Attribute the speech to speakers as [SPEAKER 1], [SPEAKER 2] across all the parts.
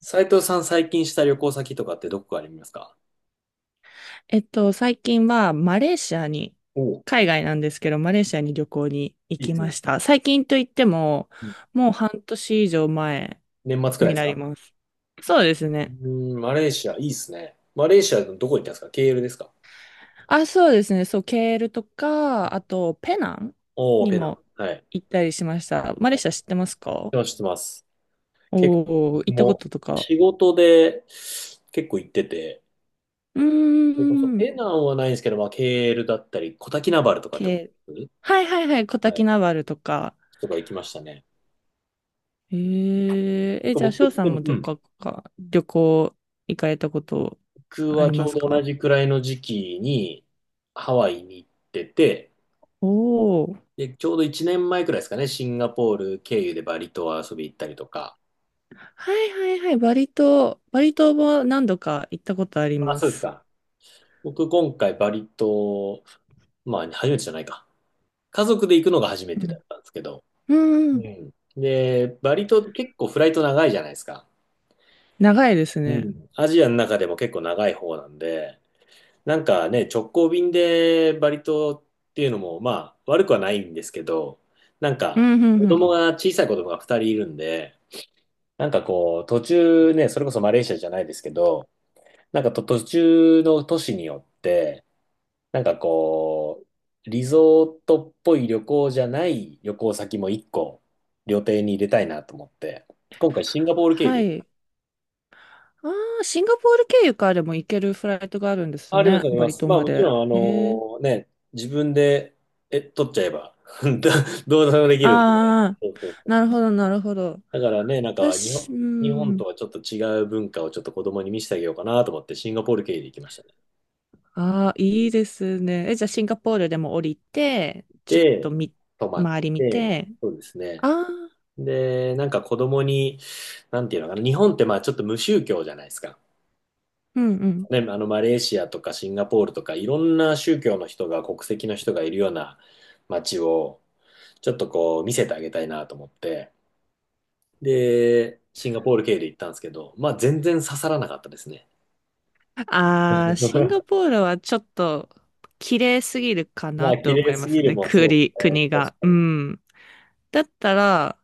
[SPEAKER 1] 斉藤さん最近した旅行先とかってどこかありますか？
[SPEAKER 2] 最近はマレーシアに、
[SPEAKER 1] おう、
[SPEAKER 2] 海外なんですけど、マレーシアに旅行に行
[SPEAKER 1] いいで
[SPEAKER 2] き
[SPEAKER 1] す
[SPEAKER 2] ま
[SPEAKER 1] ね。
[SPEAKER 2] した。最近といっても、
[SPEAKER 1] うん、
[SPEAKER 2] もう半年以上前
[SPEAKER 1] 年末くらい
[SPEAKER 2] に
[SPEAKER 1] です
[SPEAKER 2] な
[SPEAKER 1] か？
[SPEAKER 2] ります。そうですね。
[SPEAKER 1] マレーシア、いいっすね。マレーシアのどこ行ったんですか？ケーエルですか？
[SPEAKER 2] あ、そうですね。そう、ケールとか、あと、ペナン
[SPEAKER 1] おー、
[SPEAKER 2] に
[SPEAKER 1] ペナン。
[SPEAKER 2] も
[SPEAKER 1] はい。
[SPEAKER 2] 行ったりしました。マレーシア知ってますか？
[SPEAKER 1] 知ってます、知ってます。結構、
[SPEAKER 2] おー、行
[SPEAKER 1] 僕
[SPEAKER 2] ったこ
[SPEAKER 1] も
[SPEAKER 2] ととか。
[SPEAKER 1] 仕事で結構行ってて、
[SPEAKER 2] うー
[SPEAKER 1] それこそ
[SPEAKER 2] ん、
[SPEAKER 1] ペナンはないんですけど、まあ、ケーエルだったり、コタキナバルとかって
[SPEAKER 2] ケ
[SPEAKER 1] こ
[SPEAKER 2] ール。
[SPEAKER 1] と
[SPEAKER 2] はいはいはい、コ
[SPEAKER 1] は
[SPEAKER 2] タ
[SPEAKER 1] い。
[SPEAKER 2] キナバルとか、
[SPEAKER 1] とか行きましたね。結構
[SPEAKER 2] じゃあ、
[SPEAKER 1] 僕
[SPEAKER 2] 翔
[SPEAKER 1] っ
[SPEAKER 2] さ
[SPEAKER 1] て、
[SPEAKER 2] んも
[SPEAKER 1] う
[SPEAKER 2] 旅
[SPEAKER 1] ん。
[SPEAKER 2] 行か、旅行行かれたこと
[SPEAKER 1] 僕
[SPEAKER 2] あ
[SPEAKER 1] は
[SPEAKER 2] り
[SPEAKER 1] ち
[SPEAKER 2] ま
[SPEAKER 1] ょう
[SPEAKER 2] す
[SPEAKER 1] ど同
[SPEAKER 2] か？
[SPEAKER 1] じくらいの時期にハワイに行ってて、
[SPEAKER 2] おおー。
[SPEAKER 1] で、ちょうど1年前くらいですかね、シンガポール経由でバリ島遊び行ったりとか。
[SPEAKER 2] はいはいはい。バリ島、バリ島も何度か行ったことあり
[SPEAKER 1] あ、
[SPEAKER 2] ま
[SPEAKER 1] そうです
[SPEAKER 2] す。
[SPEAKER 1] か。僕今回バリ島、まあ初めてじゃないか。家族で行くのが初め
[SPEAKER 2] う
[SPEAKER 1] てだ
[SPEAKER 2] ん。
[SPEAKER 1] ったんですけど。
[SPEAKER 2] うんう
[SPEAKER 1] う
[SPEAKER 2] ん。
[SPEAKER 1] ん。で、バリ島って結構フライト長いじゃないですか。
[SPEAKER 2] 長いです
[SPEAKER 1] う
[SPEAKER 2] ね。
[SPEAKER 1] ん。アジアの中でも結構長い方なんで、なんかね、直行便でバリ島っていうのも、まあ悪くはないんですけど、なん
[SPEAKER 2] う
[SPEAKER 1] か
[SPEAKER 2] んう
[SPEAKER 1] 子
[SPEAKER 2] んうん。
[SPEAKER 1] 供が、小さい子供が2人いるんで、なんかこう、途中ね、それこそマレーシアじゃないですけど、なんかと途中の都市によって、なんかこう、リゾートっぽい旅行じゃない旅行先も一個、旅程に入れたいなと思って、今回シンガポール経由
[SPEAKER 2] は
[SPEAKER 1] で。
[SPEAKER 2] い。ああ、シンガポール経由からでも行けるフライトがあるんです
[SPEAKER 1] あります、
[SPEAKER 2] ね。
[SPEAKER 1] あり
[SPEAKER 2] バ
[SPEAKER 1] ま
[SPEAKER 2] リ
[SPEAKER 1] す。
[SPEAKER 2] 島
[SPEAKER 1] まあ
[SPEAKER 2] ま
[SPEAKER 1] もち
[SPEAKER 2] で。
[SPEAKER 1] ろん、あ
[SPEAKER 2] へえ。
[SPEAKER 1] のね、自分で、え、取っちゃえば、どどうでもできるんで。
[SPEAKER 2] ああ、
[SPEAKER 1] そうそうそう、
[SPEAKER 2] なるほどなるほど。
[SPEAKER 1] だからね、なんか
[SPEAKER 2] 私、う
[SPEAKER 1] 日本と
[SPEAKER 2] ん。
[SPEAKER 1] はちょっと違う文化をちょっと子供に見せてあげようかなと思って、シンガポール経由で行きましたね。
[SPEAKER 2] ああ、いいですね。じゃあシンガポールでも降りて、ちょっと
[SPEAKER 1] で、
[SPEAKER 2] み、
[SPEAKER 1] 泊まっ
[SPEAKER 2] 周り見
[SPEAKER 1] て、
[SPEAKER 2] て。
[SPEAKER 1] そうですね。
[SPEAKER 2] ああ、
[SPEAKER 1] で、なんか子供に、なんていうのかな、日本ってまあちょっと無宗教じゃないですか。
[SPEAKER 2] うんうん。
[SPEAKER 1] ね、あのマレーシアとかシンガポールとかいろんな宗教の人が国籍の人がいるような街をちょっとこう見せてあげたいなと思って、で、シンガポール系で行ったんですけど、まあ全然刺さらなかったですね。
[SPEAKER 2] ああ、シンガ ポールはちょっと綺麗すぎるか
[SPEAKER 1] ま
[SPEAKER 2] な
[SPEAKER 1] あ綺
[SPEAKER 2] と思
[SPEAKER 1] 麗
[SPEAKER 2] い
[SPEAKER 1] す
[SPEAKER 2] ま
[SPEAKER 1] ぎ
[SPEAKER 2] す
[SPEAKER 1] る
[SPEAKER 2] ね。
[SPEAKER 1] もそう
[SPEAKER 2] 国、国
[SPEAKER 1] ですね、
[SPEAKER 2] が。
[SPEAKER 1] 確か
[SPEAKER 2] う
[SPEAKER 1] に。
[SPEAKER 2] ん。だったら、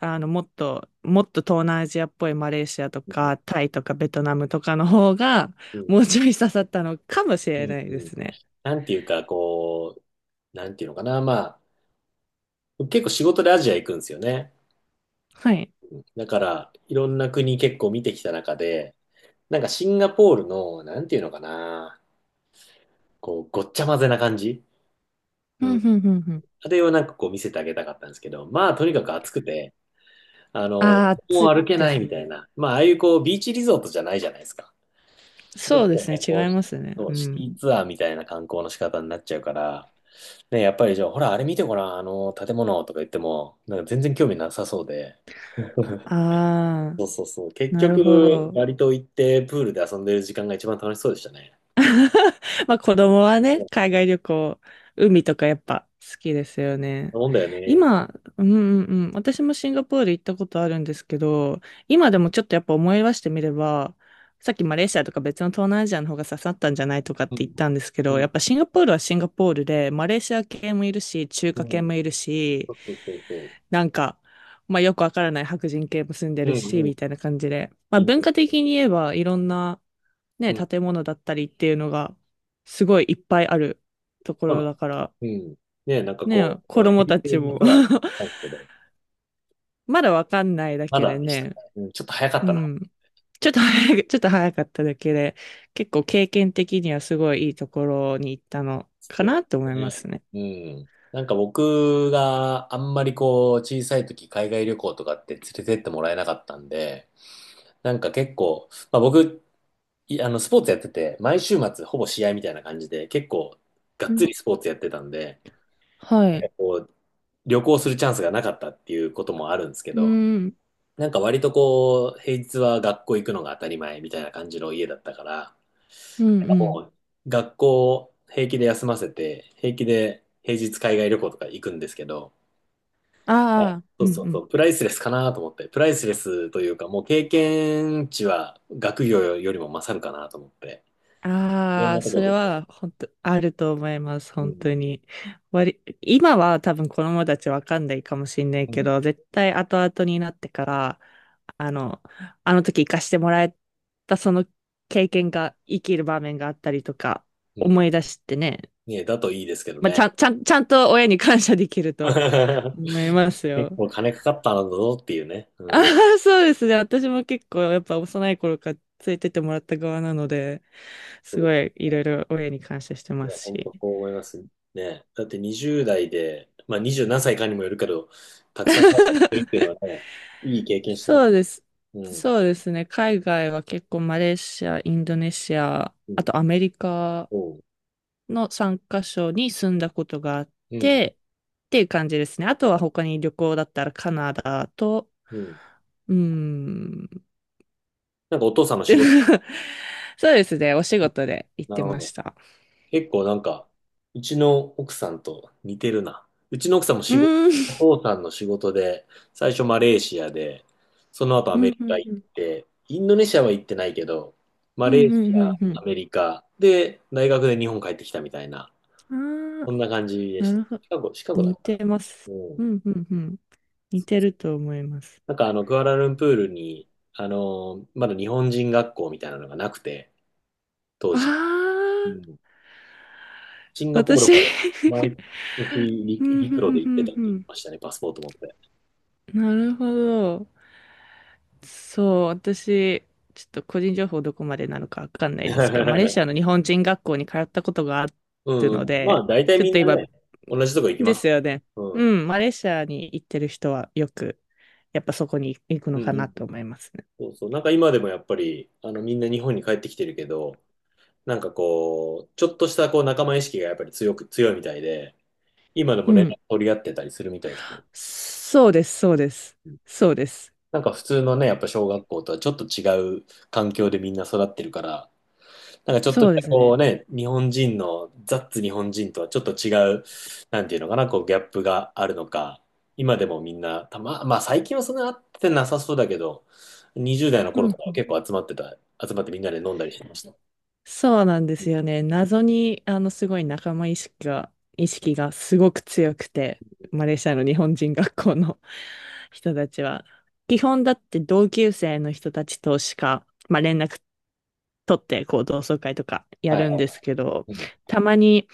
[SPEAKER 2] もっと東南アジアっぽいマレーシアとか、タイとかベトナムとかの方が、
[SPEAKER 1] うん
[SPEAKER 2] もうちょい刺さったのかもし
[SPEAKER 1] う
[SPEAKER 2] れ
[SPEAKER 1] ん
[SPEAKER 2] ない
[SPEAKER 1] う
[SPEAKER 2] で
[SPEAKER 1] ん、
[SPEAKER 2] すね。
[SPEAKER 1] なんていうか、こう、なんていうのかな、まあ、結構仕事でアジア行くんですよね。
[SPEAKER 2] はい。
[SPEAKER 1] だから、いろんな国結構見てきた中で、なんかシンガポールの、なんていうのかな、こう、ごっちゃ混ぜな感じ。
[SPEAKER 2] う
[SPEAKER 1] う
[SPEAKER 2] んうん
[SPEAKER 1] ん。
[SPEAKER 2] うんうん。
[SPEAKER 1] あれをなんかこう見せてあげたかったんですけど、まあ、とにかく暑くて、あの、
[SPEAKER 2] ああ、
[SPEAKER 1] もう
[SPEAKER 2] つ
[SPEAKER 1] 歩け
[SPEAKER 2] で
[SPEAKER 1] ない
[SPEAKER 2] す
[SPEAKER 1] みたい
[SPEAKER 2] ね。
[SPEAKER 1] な。まあ、ああいうこう、ビーチリゾートじゃないじゃないですか。ちょ
[SPEAKER 2] そ
[SPEAKER 1] っ
[SPEAKER 2] う
[SPEAKER 1] と
[SPEAKER 2] ですね、
[SPEAKER 1] ね、
[SPEAKER 2] 違
[SPEAKER 1] こう、
[SPEAKER 2] いますね。
[SPEAKER 1] そ
[SPEAKER 2] う
[SPEAKER 1] うシティ
[SPEAKER 2] ん。
[SPEAKER 1] ツアーみたいな観光の仕方になっちゃうから、ね、やっぱりじゃあ、ほら、あれ見てごらん、あの、建物とか言っても、なんか全然興味なさそうで。
[SPEAKER 2] ああ、
[SPEAKER 1] そうそうそう。結
[SPEAKER 2] なるほ
[SPEAKER 1] 局、
[SPEAKER 2] ど。
[SPEAKER 1] バリ島行ってプールで遊んでる時間が一番楽しそうでしたね。
[SPEAKER 2] まあ子供は
[SPEAKER 1] う
[SPEAKER 2] ね、
[SPEAKER 1] ん、
[SPEAKER 2] 海外旅行、海とかやっぱ好きですよ
[SPEAKER 1] そ
[SPEAKER 2] ね。
[SPEAKER 1] んなもんだよね。
[SPEAKER 2] 今、うんうんうん、私もシンガポール行ったことあるんですけど、今でもちょっとやっぱ思い出してみれば、さっきマレーシアとか別の東南アジアの方が刺さったんじゃないとかっ
[SPEAKER 1] う
[SPEAKER 2] て言っ
[SPEAKER 1] ん、
[SPEAKER 2] たんですけど、
[SPEAKER 1] う
[SPEAKER 2] やっ
[SPEAKER 1] ん、
[SPEAKER 2] ぱシンガポールはシンガポールで、マレーシア系もいるし、中
[SPEAKER 1] う
[SPEAKER 2] 華系
[SPEAKER 1] ん。
[SPEAKER 2] もいるし、
[SPEAKER 1] そうそうそうそ
[SPEAKER 2] なんか、まあよくわからない白人系も住んで
[SPEAKER 1] う。
[SPEAKER 2] る
[SPEAKER 1] うん、
[SPEAKER 2] し、
[SPEAKER 1] うん。
[SPEAKER 2] みたいな感じで。ま
[SPEAKER 1] い
[SPEAKER 2] あ
[SPEAKER 1] い
[SPEAKER 2] 文
[SPEAKER 1] ね。
[SPEAKER 2] 化的に言えばいろんな
[SPEAKER 1] う
[SPEAKER 2] ね、
[SPEAKER 1] ん、
[SPEAKER 2] 建物だったりっていうのがすごいいっぱいあるとこ
[SPEAKER 1] そうな
[SPEAKER 2] ろ
[SPEAKER 1] んで
[SPEAKER 2] だ
[SPEAKER 1] す、
[SPEAKER 2] から、
[SPEAKER 1] うん。ねえ、なんか
[SPEAKER 2] ね、
[SPEAKER 1] こ
[SPEAKER 2] 子
[SPEAKER 1] う、ヘ
[SPEAKER 2] 供
[SPEAKER 1] リ
[SPEAKER 2] た
[SPEAKER 1] テ
[SPEAKER 2] ち
[SPEAKER 1] ージ
[SPEAKER 2] も
[SPEAKER 1] ツ アーなんですけど、
[SPEAKER 2] まだわかんないだ
[SPEAKER 1] ま
[SPEAKER 2] け
[SPEAKER 1] だ
[SPEAKER 2] で
[SPEAKER 1] でしたね。
[SPEAKER 2] ね、
[SPEAKER 1] うん、ちょっと早かっ
[SPEAKER 2] う
[SPEAKER 1] たな。
[SPEAKER 2] ん。ちょっと早かっただけで、結構経験的にはすごいいいところに行ったのか
[SPEAKER 1] そう
[SPEAKER 2] なと思
[SPEAKER 1] です
[SPEAKER 2] いま
[SPEAKER 1] ね。
[SPEAKER 2] すね。
[SPEAKER 1] うん。なんか僕があんまりこう、小さい時海外旅行とかって連れてってもらえなかったんで、なんか結構、まあ僕、い、あの、スポーツやってて、毎週末ほぼ試合みたいな感じで、結構が
[SPEAKER 2] う
[SPEAKER 1] っつ
[SPEAKER 2] ん
[SPEAKER 1] りスポーツやってたんで、
[SPEAKER 2] はい。
[SPEAKER 1] こう、旅行するチャンスがなかったっていうこともあるんですけ
[SPEAKER 2] う
[SPEAKER 1] ど、
[SPEAKER 2] ん、うん、
[SPEAKER 1] なんか割とこう、平日は学校行くのが当たり前みたいな感じの家だったから、
[SPEAKER 2] う
[SPEAKER 1] なんか
[SPEAKER 2] ん。
[SPEAKER 1] もう学校平気で休ませて、平気で平日海外旅行とか行くんですけど、
[SPEAKER 2] ああ、
[SPEAKER 1] そ
[SPEAKER 2] う
[SPEAKER 1] う
[SPEAKER 2] ん、
[SPEAKER 1] そう
[SPEAKER 2] う
[SPEAKER 1] そ
[SPEAKER 2] ん。
[SPEAKER 1] う、プライスレスかなと思って、プライスレスというか、もう経験値は学業よりも勝るかなと思って、いろん
[SPEAKER 2] ああ、
[SPEAKER 1] なとこ
[SPEAKER 2] それ
[SPEAKER 1] ろで。
[SPEAKER 2] は本当あると思います、
[SPEAKER 1] う
[SPEAKER 2] 本当
[SPEAKER 1] ん
[SPEAKER 2] に。今は多分子供たちわかんないかもしれない
[SPEAKER 1] う
[SPEAKER 2] け
[SPEAKER 1] ん。
[SPEAKER 2] ど、絶対後々になってから、あの、あの時生かしてもらえたその経験が生きる場面があったりとか、
[SPEAKER 1] うん。
[SPEAKER 2] 思い出してね、
[SPEAKER 1] ね、だといいですけど
[SPEAKER 2] まあ、ち
[SPEAKER 1] ね。
[SPEAKER 2] ゃん、ちゃん、ちゃんと親に感謝できると思いま す
[SPEAKER 1] 結
[SPEAKER 2] よ。
[SPEAKER 1] 構金かかったんだぞっていうね。
[SPEAKER 2] あ
[SPEAKER 1] うん。
[SPEAKER 2] あ、そうですね。私も結構やっぱ幼い頃から連れてってもらった側なので、
[SPEAKER 1] そ
[SPEAKER 2] す
[SPEAKER 1] うです
[SPEAKER 2] ごいいろ
[SPEAKER 1] ね。
[SPEAKER 2] いろ親に感謝して
[SPEAKER 1] い
[SPEAKER 2] ま
[SPEAKER 1] や、
[SPEAKER 2] す
[SPEAKER 1] 本当
[SPEAKER 2] し。
[SPEAKER 1] こう思いますね。だって20代で、まあ20何歳かにもよるけど、たくさん海外行ってるっていうのはね、いい経験してます。
[SPEAKER 2] そうです。
[SPEAKER 1] うん。
[SPEAKER 2] そうですね。海外は結構マレーシア、インドネシア、
[SPEAKER 1] う
[SPEAKER 2] あ
[SPEAKER 1] ん。
[SPEAKER 2] とアメリカ
[SPEAKER 1] そ
[SPEAKER 2] の3カ所に住んだことがあっ
[SPEAKER 1] う。うん。
[SPEAKER 2] て、っていう感じですね。あとは他に旅行だったらカナダと、
[SPEAKER 1] うん。
[SPEAKER 2] うーん。
[SPEAKER 1] なんかお父さんの仕事、
[SPEAKER 2] そうですね。お仕事で行っ
[SPEAKER 1] な
[SPEAKER 2] て
[SPEAKER 1] るほ
[SPEAKER 2] まし
[SPEAKER 1] ど。
[SPEAKER 2] た。
[SPEAKER 1] 結構なんか、うちの奥さんと似てるな。うちの奥さんも
[SPEAKER 2] う
[SPEAKER 1] 仕事、
[SPEAKER 2] ー
[SPEAKER 1] お
[SPEAKER 2] ん。
[SPEAKER 1] 父さんの仕事で、最初マレーシアで、その後 ア
[SPEAKER 2] う
[SPEAKER 1] メ
[SPEAKER 2] ん
[SPEAKER 1] リ
[SPEAKER 2] う
[SPEAKER 1] カ
[SPEAKER 2] ん
[SPEAKER 1] 行
[SPEAKER 2] う
[SPEAKER 1] っ
[SPEAKER 2] ん
[SPEAKER 1] て、インドネシアは行ってないけど、
[SPEAKER 2] う
[SPEAKER 1] マレー
[SPEAKER 2] ん
[SPEAKER 1] シ
[SPEAKER 2] う
[SPEAKER 1] ア、
[SPEAKER 2] んう
[SPEAKER 1] ア
[SPEAKER 2] ん
[SPEAKER 1] メリカ、で、大学で日本帰ってきたみたいな、
[SPEAKER 2] うん。あ
[SPEAKER 1] そ
[SPEAKER 2] あ、
[SPEAKER 1] んな感じで
[SPEAKER 2] な
[SPEAKER 1] した。
[SPEAKER 2] るほど。
[SPEAKER 1] シカゴ、シカゴだっ
[SPEAKER 2] 似
[SPEAKER 1] たかな。
[SPEAKER 2] てます。
[SPEAKER 1] うん。
[SPEAKER 2] うんうんうん。似てると思います。
[SPEAKER 1] なんかあの、クアラルンプールに、あの、まだ日本人学校みたいなのがなくて、当
[SPEAKER 2] あ
[SPEAKER 1] 時。う
[SPEAKER 2] あ、
[SPEAKER 1] ん、シンガポール
[SPEAKER 2] 私
[SPEAKER 1] から毎年
[SPEAKER 2] うんう
[SPEAKER 1] 陸路で行ってた
[SPEAKER 2] ん
[SPEAKER 1] って
[SPEAKER 2] う
[SPEAKER 1] 言って
[SPEAKER 2] ん
[SPEAKER 1] ましたね、パスポート持って。
[SPEAKER 2] うん。なるほど。そう、私、ちょっと個人情報どこまでなのかわかんないですけど、マレーシアの 日本人学校に通ったことがあ
[SPEAKER 1] うん
[SPEAKER 2] る
[SPEAKER 1] う
[SPEAKER 2] の
[SPEAKER 1] ん。まあ、
[SPEAKER 2] で、
[SPEAKER 1] 大体
[SPEAKER 2] ちょっ
[SPEAKER 1] みん
[SPEAKER 2] と
[SPEAKER 1] な
[SPEAKER 2] 今、
[SPEAKER 1] ね、同じとこ行き
[SPEAKER 2] で
[SPEAKER 1] ます
[SPEAKER 2] す
[SPEAKER 1] か
[SPEAKER 2] よね。
[SPEAKER 1] ら。う
[SPEAKER 2] う
[SPEAKER 1] ん。
[SPEAKER 2] ん、マレーシアに行ってる人はよく、やっぱそこに行く
[SPEAKER 1] う
[SPEAKER 2] の
[SPEAKER 1] ん
[SPEAKER 2] か
[SPEAKER 1] うんう
[SPEAKER 2] な
[SPEAKER 1] ん。
[SPEAKER 2] と思いますね。
[SPEAKER 1] そうそう。なんか今でもやっぱり、あの、みんな日本に帰ってきてるけど、なんかこう、ちょっとしたこう仲間意識がやっぱり強いみたいで、今でも
[SPEAKER 2] う
[SPEAKER 1] 連絡
[SPEAKER 2] ん
[SPEAKER 1] 取り合ってたりするみたいですね。
[SPEAKER 2] そうです、そうです。そうです。
[SPEAKER 1] なんか普通のね、やっぱ小学校とはちょっと違う環境でみんな育ってるから、なんかちょっと
[SPEAKER 2] そ
[SPEAKER 1] し
[SPEAKER 2] うで
[SPEAKER 1] た
[SPEAKER 2] す
[SPEAKER 1] こう
[SPEAKER 2] ね。
[SPEAKER 1] ね、日本人の、ザッツ日本人とはちょっと違う、なんていうのかな、こうギャップがあるのか、今でもみんな、たま、まあ最近はそんな会ってなさそうだけど、20代の
[SPEAKER 2] う
[SPEAKER 1] 頃と
[SPEAKER 2] ん。
[SPEAKER 1] かは結構集まってた、集まってみんなで飲んだりしてました。
[SPEAKER 2] そうなんで
[SPEAKER 1] う
[SPEAKER 2] す
[SPEAKER 1] ん。
[SPEAKER 2] よね。謎に、すごい仲間意識が、意識がすごく強くて、マレーシアの日本人学校の 人たちは。基本だって同級生の人たちとしか、まあ、連絡取って、こう、同窓会とかや
[SPEAKER 1] はい
[SPEAKER 2] るん
[SPEAKER 1] は
[SPEAKER 2] で
[SPEAKER 1] い。
[SPEAKER 2] すけど、
[SPEAKER 1] うん。
[SPEAKER 2] たまに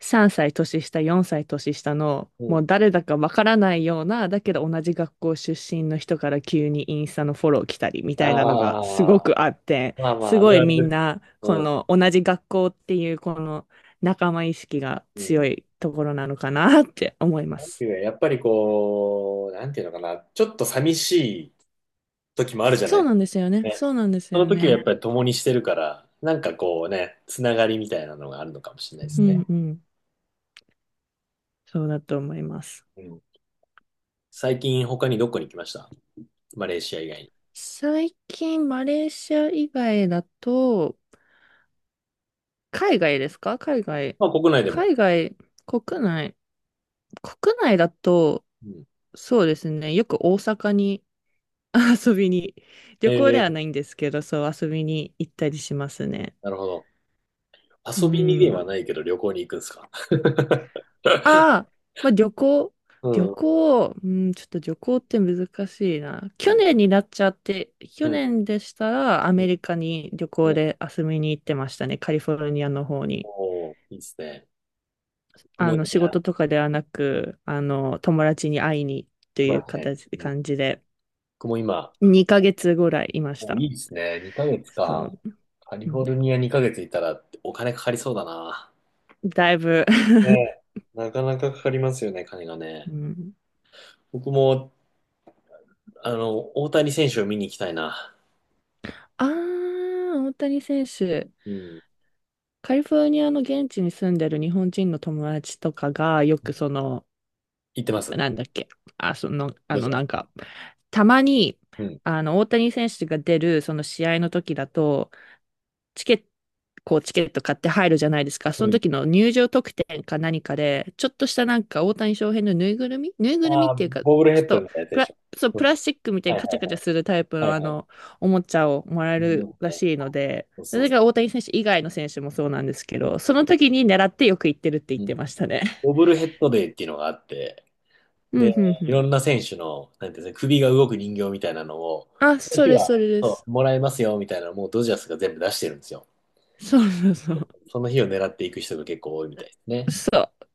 [SPEAKER 2] 3歳年下、4歳年下の、
[SPEAKER 1] う
[SPEAKER 2] も
[SPEAKER 1] ん、
[SPEAKER 2] う誰だかわからないような、だけど同じ学校出身の人から急にインスタのフォロー来たりみたいなのがす
[SPEAKER 1] ああ、
[SPEAKER 2] ごくあって、
[SPEAKER 1] まあま
[SPEAKER 2] す
[SPEAKER 1] あ、あ
[SPEAKER 2] ご
[SPEAKER 1] る
[SPEAKER 2] い
[SPEAKER 1] ある
[SPEAKER 2] みん
[SPEAKER 1] です。
[SPEAKER 2] な、こ
[SPEAKER 1] うん。
[SPEAKER 2] の同じ学校っていうこの仲間意識が
[SPEAKER 1] う
[SPEAKER 2] 強
[SPEAKER 1] ん。
[SPEAKER 2] いところなのかなって思います。
[SPEAKER 1] やっぱりこう、なんていうのかな、ちょっと寂しい時もあるじゃな
[SPEAKER 2] そう
[SPEAKER 1] い。
[SPEAKER 2] なんですよね。そうなんです
[SPEAKER 1] その
[SPEAKER 2] よ
[SPEAKER 1] 時はや
[SPEAKER 2] ね。
[SPEAKER 1] っぱり共にしてるから、なんかこうね、つながりみたいなのがあるのかもしれないで
[SPEAKER 2] う
[SPEAKER 1] す
[SPEAKER 2] ん
[SPEAKER 1] ね。
[SPEAKER 2] んうん。そうだと思います。
[SPEAKER 1] うん。最近他にどこに行きました？マレーシア以外に。
[SPEAKER 2] 最近、マレーシア以外だと、海外ですか？海外。
[SPEAKER 1] まあ国内でも。
[SPEAKER 2] 海外、国内。国内だと、
[SPEAKER 1] うん。
[SPEAKER 2] そうですね。よく大阪に 遊びに、
[SPEAKER 1] え
[SPEAKER 2] 旅行では
[SPEAKER 1] ー、
[SPEAKER 2] ないんですけど、そう遊びに行ったりしますね。
[SPEAKER 1] なるほど。
[SPEAKER 2] う
[SPEAKER 1] 遊びにで
[SPEAKER 2] ん。
[SPEAKER 1] はないけど旅行に行くんですか？
[SPEAKER 2] ああ、まあ旅行、
[SPEAKER 1] う
[SPEAKER 2] 旅
[SPEAKER 1] ん、う
[SPEAKER 2] 行、うん、ちょっと旅行って難しいな。去
[SPEAKER 1] ん、
[SPEAKER 2] 年になっちゃって、
[SPEAKER 1] う
[SPEAKER 2] 去
[SPEAKER 1] ん、
[SPEAKER 2] 年でしたらア
[SPEAKER 1] う
[SPEAKER 2] メ
[SPEAKER 1] ん。
[SPEAKER 2] リカに旅行
[SPEAKER 1] うん、
[SPEAKER 2] で遊びに行ってましたね、カリフォルニアの方に。
[SPEAKER 1] おー、いいですね。僕もね、
[SPEAKER 2] 仕
[SPEAKER 1] あ、
[SPEAKER 2] 事とかではなく、友達に会いにとい
[SPEAKER 1] 茨
[SPEAKER 2] う
[SPEAKER 1] 城ね。うん。
[SPEAKER 2] 感じで、
[SPEAKER 1] 僕も今、
[SPEAKER 2] 2ヶ月ぐらいいまし
[SPEAKER 1] お、
[SPEAKER 2] た。
[SPEAKER 1] いいですね。2ヶ月
[SPEAKER 2] そ
[SPEAKER 1] か。
[SPEAKER 2] う。
[SPEAKER 1] カリ
[SPEAKER 2] う
[SPEAKER 1] フォ
[SPEAKER 2] ん
[SPEAKER 1] ルニア2ヶ月いたらお金かかりそうだな。
[SPEAKER 2] だいぶ
[SPEAKER 1] ねえ、なかなかかかりますよね、金が
[SPEAKER 2] う
[SPEAKER 1] ね。
[SPEAKER 2] ん、
[SPEAKER 1] 僕も、あの、大谷選手を見に行きたいな。
[SPEAKER 2] ああ、大谷選手。
[SPEAKER 1] うん。
[SPEAKER 2] カリフォルニアの現地に住んでる日本人の友達とかが、よくその、
[SPEAKER 1] 行ってます。
[SPEAKER 2] なんだっけ、その、
[SPEAKER 1] どうぞ。
[SPEAKER 2] なんか、たまに、
[SPEAKER 1] うん。
[SPEAKER 2] 大谷選手が出る、その試合の時だと、チケット、こうチケット買って入るじゃないですか。そ
[SPEAKER 1] う
[SPEAKER 2] の
[SPEAKER 1] ん。
[SPEAKER 2] 時の入場特典か何かで、ちょっとしたなんか大谷翔平のぬいぐるみ
[SPEAKER 1] あ
[SPEAKER 2] っ
[SPEAKER 1] あ、
[SPEAKER 2] ていうか、ちょ
[SPEAKER 1] ボブルヘ
[SPEAKER 2] っ
[SPEAKER 1] ッド
[SPEAKER 2] と
[SPEAKER 1] みたいなやつ
[SPEAKER 2] プ
[SPEAKER 1] でし
[SPEAKER 2] ラ、
[SPEAKER 1] ょ。
[SPEAKER 2] そう、
[SPEAKER 1] う
[SPEAKER 2] プ
[SPEAKER 1] ん、
[SPEAKER 2] ラスチックみたい
[SPEAKER 1] は
[SPEAKER 2] に
[SPEAKER 1] い
[SPEAKER 2] カ
[SPEAKER 1] は
[SPEAKER 2] チ
[SPEAKER 1] い
[SPEAKER 2] ャカチ
[SPEAKER 1] は
[SPEAKER 2] ャ
[SPEAKER 1] い。
[SPEAKER 2] するタイプ
[SPEAKER 1] は
[SPEAKER 2] の
[SPEAKER 1] いはい。
[SPEAKER 2] おもちゃをもらえ
[SPEAKER 1] うん
[SPEAKER 2] るら
[SPEAKER 1] ね。
[SPEAKER 2] しいので、
[SPEAKER 1] そう
[SPEAKER 2] そ
[SPEAKER 1] そう
[SPEAKER 2] れ
[SPEAKER 1] そ
[SPEAKER 2] が大
[SPEAKER 1] う。
[SPEAKER 2] 谷選手以外の選手もそうなんですけ
[SPEAKER 1] そう、
[SPEAKER 2] ど、その時に狙ってよく行ってるって言っ
[SPEAKER 1] う
[SPEAKER 2] てま
[SPEAKER 1] ん。
[SPEAKER 2] したね。
[SPEAKER 1] ボブルヘッドデーっていうのがあって、
[SPEAKER 2] う
[SPEAKER 1] で、
[SPEAKER 2] ん、うん、う
[SPEAKER 1] い
[SPEAKER 2] ん。
[SPEAKER 1] ろんな選手の、なんていうんですか、首が動く人形みたいなのを、その
[SPEAKER 2] そ
[SPEAKER 1] 日
[SPEAKER 2] れ
[SPEAKER 1] は、
[SPEAKER 2] それで
[SPEAKER 1] そ
[SPEAKER 2] す。
[SPEAKER 1] うもらえますよみたいなのをもうドジャースが全部出してるんですよ。
[SPEAKER 2] そうそうそう。
[SPEAKER 1] その日を狙っていく人が結構多いみたいですね。
[SPEAKER 2] そう。